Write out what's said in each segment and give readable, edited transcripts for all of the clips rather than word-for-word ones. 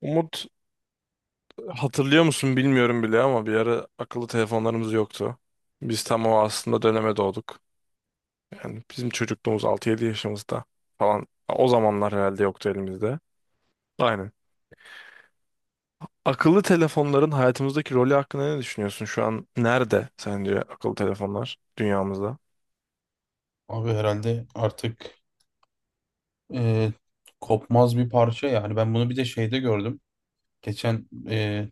Umut, hatırlıyor musun bilmiyorum bile ama bir ara akıllı telefonlarımız yoktu. Biz tam o aslında döneme doğduk. Yani bizim çocukluğumuz 6-7 yaşımızda falan. O zamanlar herhalde yoktu elimizde. Aynen. Akıllı telefonların hayatımızdaki rolü hakkında ne düşünüyorsun? Şu an nerede sence akıllı telefonlar dünyamızda? Abi herhalde artık e, kopmaz bir parça yani. Ben bunu bir de şeyde gördüm. Geçen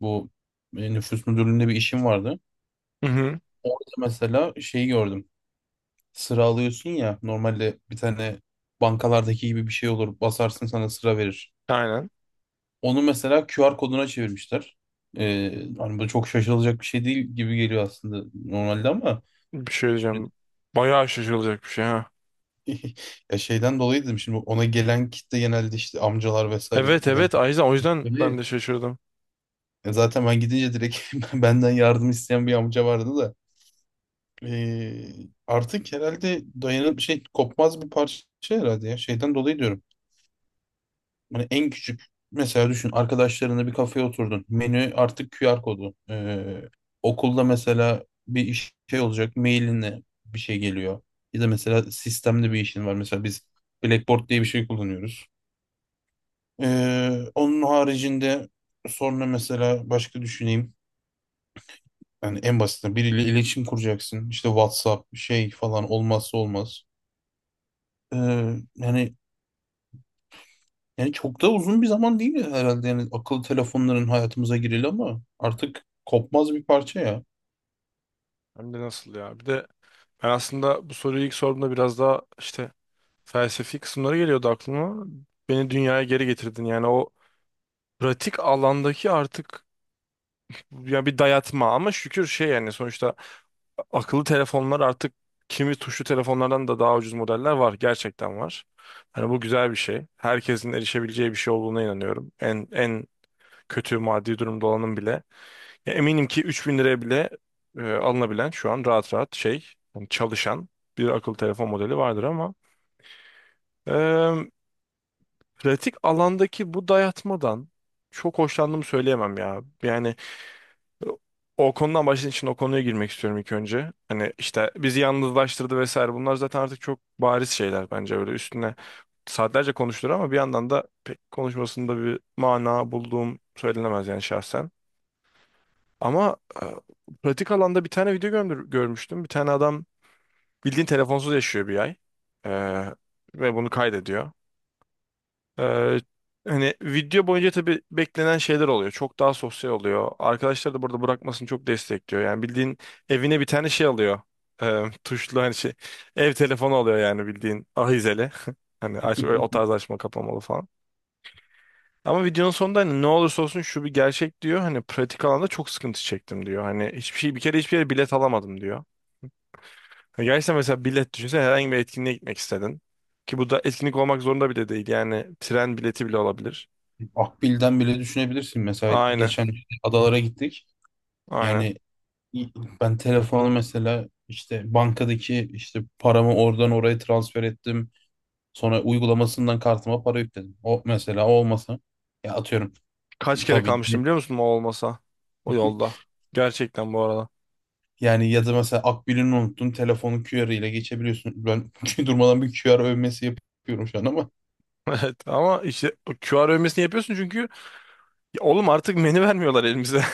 bu nüfus müdürlüğünde bir işim vardı. Hı hı. Orada mesela şeyi gördüm. Sıra alıyorsun ya, normalde bir tane bankalardaki gibi bir şey olur. Basarsın, sana sıra verir. Aynen. Onu mesela QR koduna çevirmişler. E, Hani bu çok şaşılacak bir şey değil gibi geliyor aslında normalde ama Bir şey şimdi diyeceğim. Bayağı şaşırılacak bir şey, ha. ya şeyden dolayı dedim, şimdi ona gelen kitle genelde işte amcalar vesaire Evet, evet, Ayza, o yüzden ben genelde. de şaşırdım. Zaten ben gidince direkt benden yardım isteyen bir amca vardı da. Artık herhalde dayanıp şey, kopmaz bir parça herhalde ya. Şeyden dolayı diyorum. Hani en küçük, mesela düşün, arkadaşlarınla bir kafeye oturdun. Menü artık QR kodu. Okulda mesela bir iş şey olacak, mailinle bir şey geliyor. Ya da mesela sistemde bir işin var. Mesela biz Blackboard diye bir şey kullanıyoruz. E, Onun haricinde sonra mesela başka düşüneyim. Yani en basitinden, biriyle iletişim kuracaksın. İşte WhatsApp şey, falan olmazsa olmaz. Ee, yani yani çok da uzun bir zaman değil herhalde. Yani akıllı telefonların hayatımıza gireli, ama artık kopmaz bir parça ya. Hem de nasıl ya. Bir de ben aslında bu soruyu ilk sorduğumda biraz daha işte felsefi kısımları geliyordu aklıma. Beni dünyaya geri getirdin. Yani o pratik alandaki artık ya bir dayatma, ama şükür şey, yani sonuçta akıllı telefonlar artık kimi tuşlu telefonlardan da daha ucuz modeller var. Gerçekten var. Hani bu güzel bir şey. Herkesin erişebileceği bir şey olduğuna inanıyorum. En kötü maddi durumda olanın bile. Ya eminim ki 3.000 liraya bile alınabilen şu an rahat rahat şey, yani çalışan bir akıllı telefon modeli vardır, ama pratik alandaki bu dayatmadan çok hoşlandığımı söyleyemem ya. Yani o konudan başladığın için o konuya girmek istiyorum ilk önce. Hani işte bizi yalnızlaştırdı vesaire. Bunlar zaten artık çok bariz şeyler bence, öyle üstüne saatlerce konuşulur ama bir yandan da pek konuşmasında bir mana bulduğum söylenemez yani, şahsen. Ama e, pratik alanda bir tane video görmüştüm. Bir tane adam bildiğin telefonsuz yaşıyor 1 ay. E, Ve bunu kaydediyor. Ee, Hani video boyunca tabii beklenen şeyler oluyor. Çok daha sosyal oluyor. Arkadaşlar da burada bırakmasını çok destekliyor. Yani bildiğin evine bir tane şey alıyor. Tuşlu hani şey. Ev telefonu alıyor yani bildiğin ahizeli. Hani aç, öyle o tarz açma kapamalı falan. Ama videonun sonunda hani ne olursa olsun şu bir gerçek, diyor. Hani pratik alanda çok sıkıntı çektim, diyor. Hani hiçbir şey, bir kere hiçbir yere bilet alamadım, diyor. Hani gerçekten, mesela bilet düşünsen herhangi bir etkinliğe gitmek istedin. Ki bu da etkinlik olmak zorunda bile değil. Yani tren bileti bile olabilir. Akbil'den bile düşünebilirsin. Mesela Aynen. geçen adalara gittik. Aynen. Yani ben telefonu mesela, işte bankadaki, işte paramı oradan oraya transfer ettim. Sonra uygulamasından kartıma para yükledim. O mesela, o olmasa ya atıyorum, Kaç kere tabii. kalmıştım biliyor musun o olmasa? O yolda. Gerçekten bu arada. Yani ya da mesela Akbil'ini unuttun, telefonu QR ile geçebiliyorsun. Ben durmadan bir QR övmesi yapıyorum şu an ama. Evet, ama işte o QR övmesini yapıyorsun çünkü ya oğlum artık menü vermiyorlar elimize.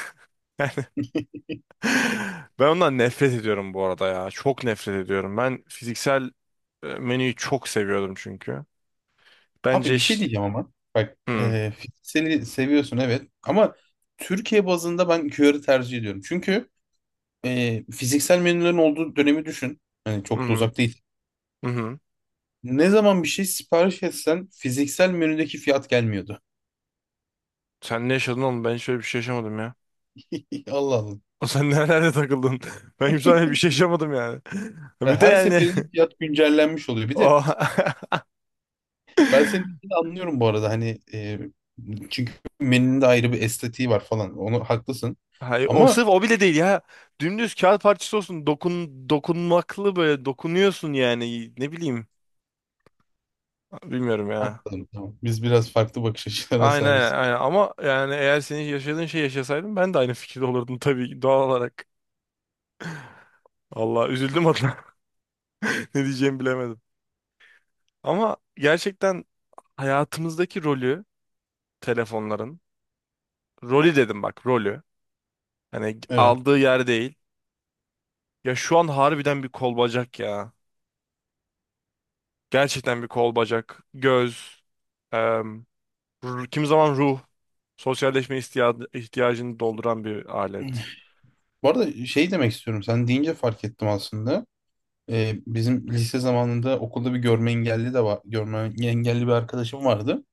Yani ben ondan nefret ediyorum bu arada ya. Çok nefret ediyorum. Ben fiziksel menüyü çok seviyordum çünkü. Bence Abi bir şey iş... diyeceğim ama. Bak, Hı fizikseli seviyorsun evet ama Türkiye bazında ben QR'ı tercih ediyorum. Çünkü fiziksel menülerin olduğu dönemi düşün. Hani hı. çok da uzak değil. Hı hı. Ne zaman bir şey sipariş etsen fiziksel menüdeki fiyat gelmiyordu. Sen ne yaşadın oğlum? Ben hiç öyle bir şey yaşamadım ya. Allah Allah. O sen nerelerde takıldın? Ben hiç öyle bir şey yaşamadım yani. Bir de Her yani seferinde fiyat güncellenmiş oluyor. Bir de o ben seni, dediğini anlıyorum bu arada, hani çünkü menünün de ayrı bir estetiği var falan. Onu haklısın. Hayır, o Ama sırf o bile değil ya. Dümdüz kağıt parçası olsun. Dokun, dokunmaklı böyle dokunuyorsun yani. Ne bileyim. Bilmiyorum ha, ya. tamam, tamam. Biz biraz farklı bakış açılarına Aynen, sahibiz. aynen, ama yani eğer senin yaşadığın şey yaşasaydım ben de aynı fikirde olurdum tabii ki, doğal olarak. Allah, üzüldüm adına. Ne diyeceğimi bilemedim. Ama gerçekten hayatımızdaki rolü, telefonların rolü, dedim bak, rolü. Hani Evet. aldığı yer değil. Ya şu an harbiden bir kol bacak ya. Gerçekten bir kol bacak, göz, kimi zaman ruh, sosyalleşme ihtiyacı, ihtiyacını dolduran bir alet. Bu arada şey demek istiyorum. Sen deyince fark ettim aslında. Bizim lise zamanında okulda bir görme engelli de var. Görme engelli bir arkadaşım vardı.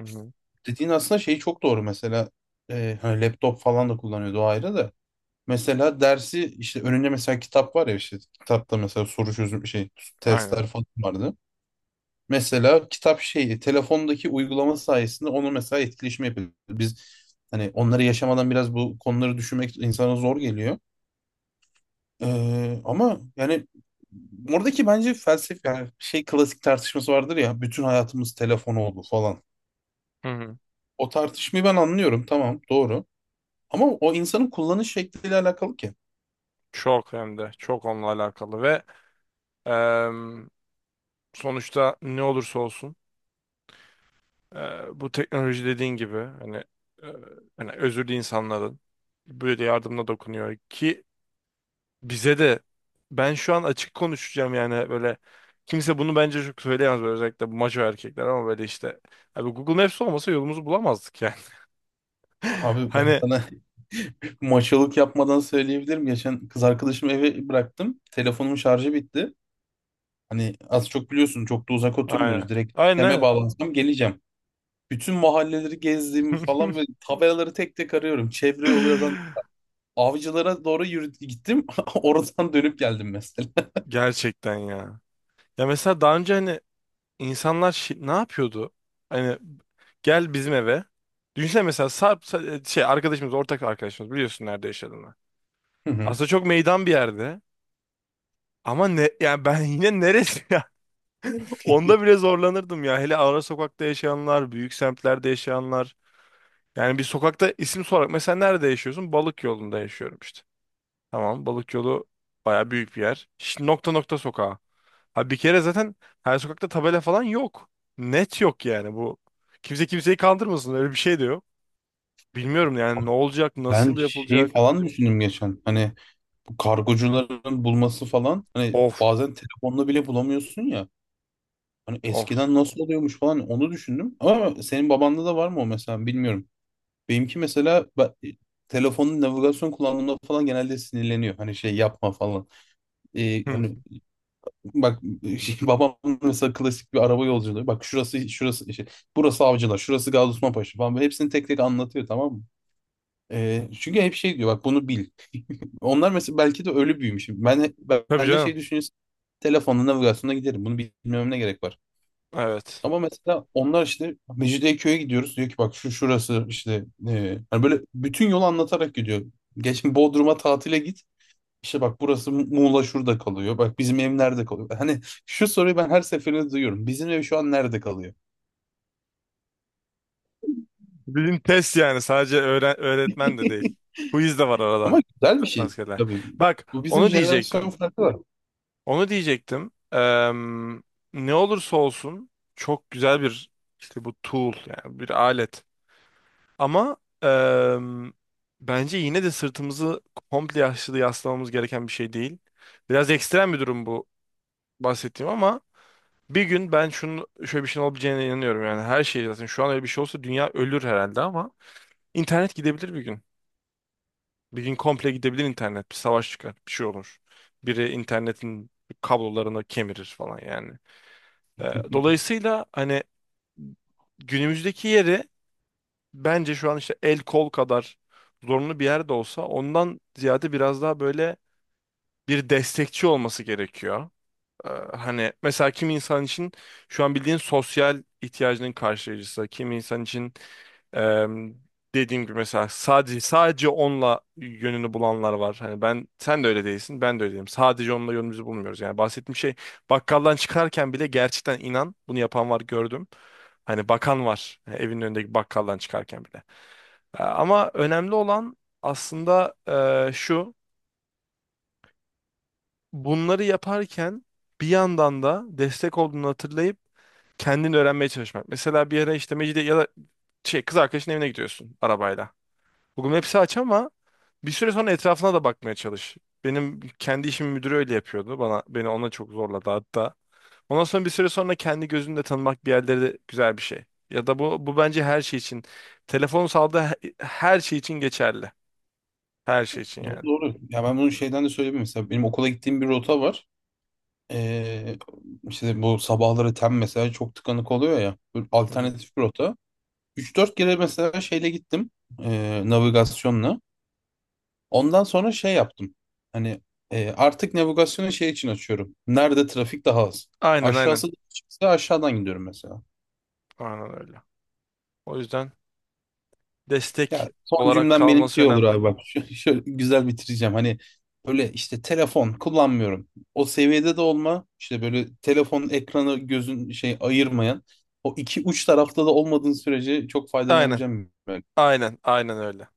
Hı hı. Dediğin aslında şey, çok doğru. Mesela hani laptop falan da kullanıyordu, o ayrı da. Mesela dersi, işte önünde mesela kitap var ya, işte kitapta mesela soru çözüm şey, Aynen. testler falan vardı. Mesela kitap şeyi, telefondaki uygulama sayesinde onu mesela etkileşim yapıyor. Biz hani onları yaşamadan biraz bu konuları düşünmek insana zor geliyor. Ama yani oradaki bence felsefe, yani şey, klasik tartışması vardır ya, bütün hayatımız telefon oldu falan. Hı hı. O tartışmayı ben anlıyorum, tamam, doğru. Ama o insanın kullanış şekliyle alakalı ki. Çok, hem de çok onunla alakalı. Ve em, sonuçta ne olursa olsun bu teknoloji dediğin gibi hani e, özürlü insanların böyle yardımına dokunuyor ki bize de. Ben şu an açık konuşacağım yani, böyle kimse bunu bence çok söyleyemez, böyle özellikle bu maço erkekler, ama böyle işte, abi, Google Maps olmasa yolumuzu bulamazdık yani. Abi ben Hani sana maçalık yapmadan söyleyebilirim. Geçen kız arkadaşımı eve bıraktım. Telefonumun şarjı bitti. Hani az çok biliyorsun, çok da uzak aynen. oturmuyoruz. Direkt Aynen, deme, aynen. bağlansam geleceğim. Bütün mahalleleri gezdiğim falan ve tabelaları tek tek arıyorum. Çevre yolu yazan avcılara doğru yürü gittim. Oradan dönüp geldim mesela. Gerçekten ya. Ya mesela daha önce hani insanlar ne yapıyordu? Hani gel bizim eve. Düşünsene, mesela Sarp şey arkadaşımız, ortak arkadaşımız, biliyorsun nerede yaşadığını. Hı hı. Aslında çok meydan bir yerde. Ama ne yani, ben yine neresi? Onda bile zorlanırdım ya. Hele ara sokakta yaşayanlar, büyük semtlerde yaşayanlar. Yani bir sokakta isim sorarak, mesela, nerede yaşıyorsun? Balık yolunda yaşıyorum işte. Tamam, Balık yolu baya büyük bir yer. Şimdi nokta nokta sokağa. Ha, bir kere zaten her sokakta tabela falan yok. Net yok yani bu. Kimse kimseyi kandırmasın, öyle bir şey de yok. Bilmiyorum yani ne olacak, Ben nasıl şeyi yapılacak. falan düşündüm geçen. Hani bu kargocuların bulması falan. Hani Of, bazen telefonla bile bulamıyorsun ya. Hani of. eskiden nasıl oluyormuş falan, onu düşündüm. Ama senin babanda da var mı o mesela, bilmiyorum. Benimki mesela, telefonun navigasyon kullandığımda falan genelde sinirleniyor. Hani şey yapma falan. Hı. Hani bak şey, babam mesela klasik bir araba yolculuğu. Bak şurası şurası, şey, burası Avcılar, şurası Gazi Osman Paşa falan. Böyle hepsini tek tek anlatıyor, tamam mı? Çünkü hep şey diyor, bak bunu bil. Onlar mesela belki de öyle büyümüş. Tabii Ben de şey canım. düşünüyorsun. Telefonla navigasyona giderim. Bunu bilmem ne gerek var. Evet. Ama mesela onlar, işte Mecidiyeköy'e gidiyoruz. Diyor ki bak şu şurası işte, hani böyle bütün yolu anlatarak gidiyor. Geçen Bodrum'a tatile git. İşte bak, burası Muğla şurada kalıyor. Bak, bizim ev nerede kalıyor? Hani şu soruyu ben her seferinde duyuyorum. Bizim ev şu an nerede kalıyor? Bizim test yani sadece öğretmen de değil. Quiz de var Ama arada. güzel bir şey Maskeler. tabii. Bak, Bu bizim, onu jenerasyon diyecektim. farkı var. Onu diyecektim. Ne olursa olsun çok güzel bir, işte bu tool yani bir alet. Ama eee, bence yine de sırtımızı komple yaşlı yaslamamız gereken bir şey değil. Biraz ekstrem bir durum bu bahsettiğim ama, bir gün ben şunun şöyle bir şeyin olabileceğine inanıyorum yani, her şey zaten şu an öyle bir şey olsa dünya ölür herhalde, ama internet gidebilir bir gün. Bir gün komple gidebilir internet. Bir savaş çıkar. Bir şey olur. Biri internetin kablolarını kemirir falan yani. Dolayısıyla hani, günümüzdeki yeri bence şu an işte el kol kadar zorunlu bir yerde olsa ondan ziyade biraz daha böyle bir destekçi olması gerekiyor. Ee, Hani mesela kimi insan için şu an bildiğin sosyal ihtiyacının karşılayıcısı. Kimi insan için e, dediğim gibi mesela sadece onunla yönünü bulanlar var. Hani ben, sen de öyle değilsin, ben de öyle değilim. Sadece onunla yönümüzü bulmuyoruz. Yani bahsettiğim şey, bakkaldan çıkarken bile gerçekten, inan bunu yapan var, gördüm. Hani bakan var evinin önündeki bakkaldan çıkarken bile. Ama önemli olan aslında şu, bunları yaparken bir yandan da destek olduğunu hatırlayıp kendini öğrenmeye çalışmak. Mesela bir ara işte Mecidiye ya da şey, kız arkadaşın evine gidiyorsun arabayla. Google Maps'i aç, ama bir süre sonra etrafına da bakmaya çalış. Benim kendi işim müdürü öyle yapıyordu. Bana beni ona çok zorladı hatta. Ondan sonra bir süre sonra kendi gözünle tanımak bir yerleri de güzel bir şey. Ya da bu bence her şey için. Telefon sağladığı her şey için geçerli. Her şey için Doğru yani. doğru. Ya ben bunu şeyden de söyleyeyim, mesela benim okula gittiğim bir rota var. Ee, işte bu sabahları tem mesela çok tıkanık oluyor ya. Böyle Hı hı. alternatif bir rota. 3 4 kere mesela şeyle gittim, navigasyonla. Ondan sonra şey yaptım. Hani artık navigasyonu şey için açıyorum, nerede trafik daha az. Aynen, aynen. Aşağısı da çıksa aşağıdan gidiyorum mesela. Aynen öyle. O yüzden destek Ya son olarak cümlem benim kalması şey olur önemli. abi, bak. Şöyle güzel bitireceğim. Hani böyle işte telefon kullanmıyorum. O seviyede de olma. İşte böyle telefon ekranı gözün şey ayırmayan. O iki uç tarafta da olmadığın sürece çok Aynen. faydalanabileceğim bir Aynen. Aynen öyle.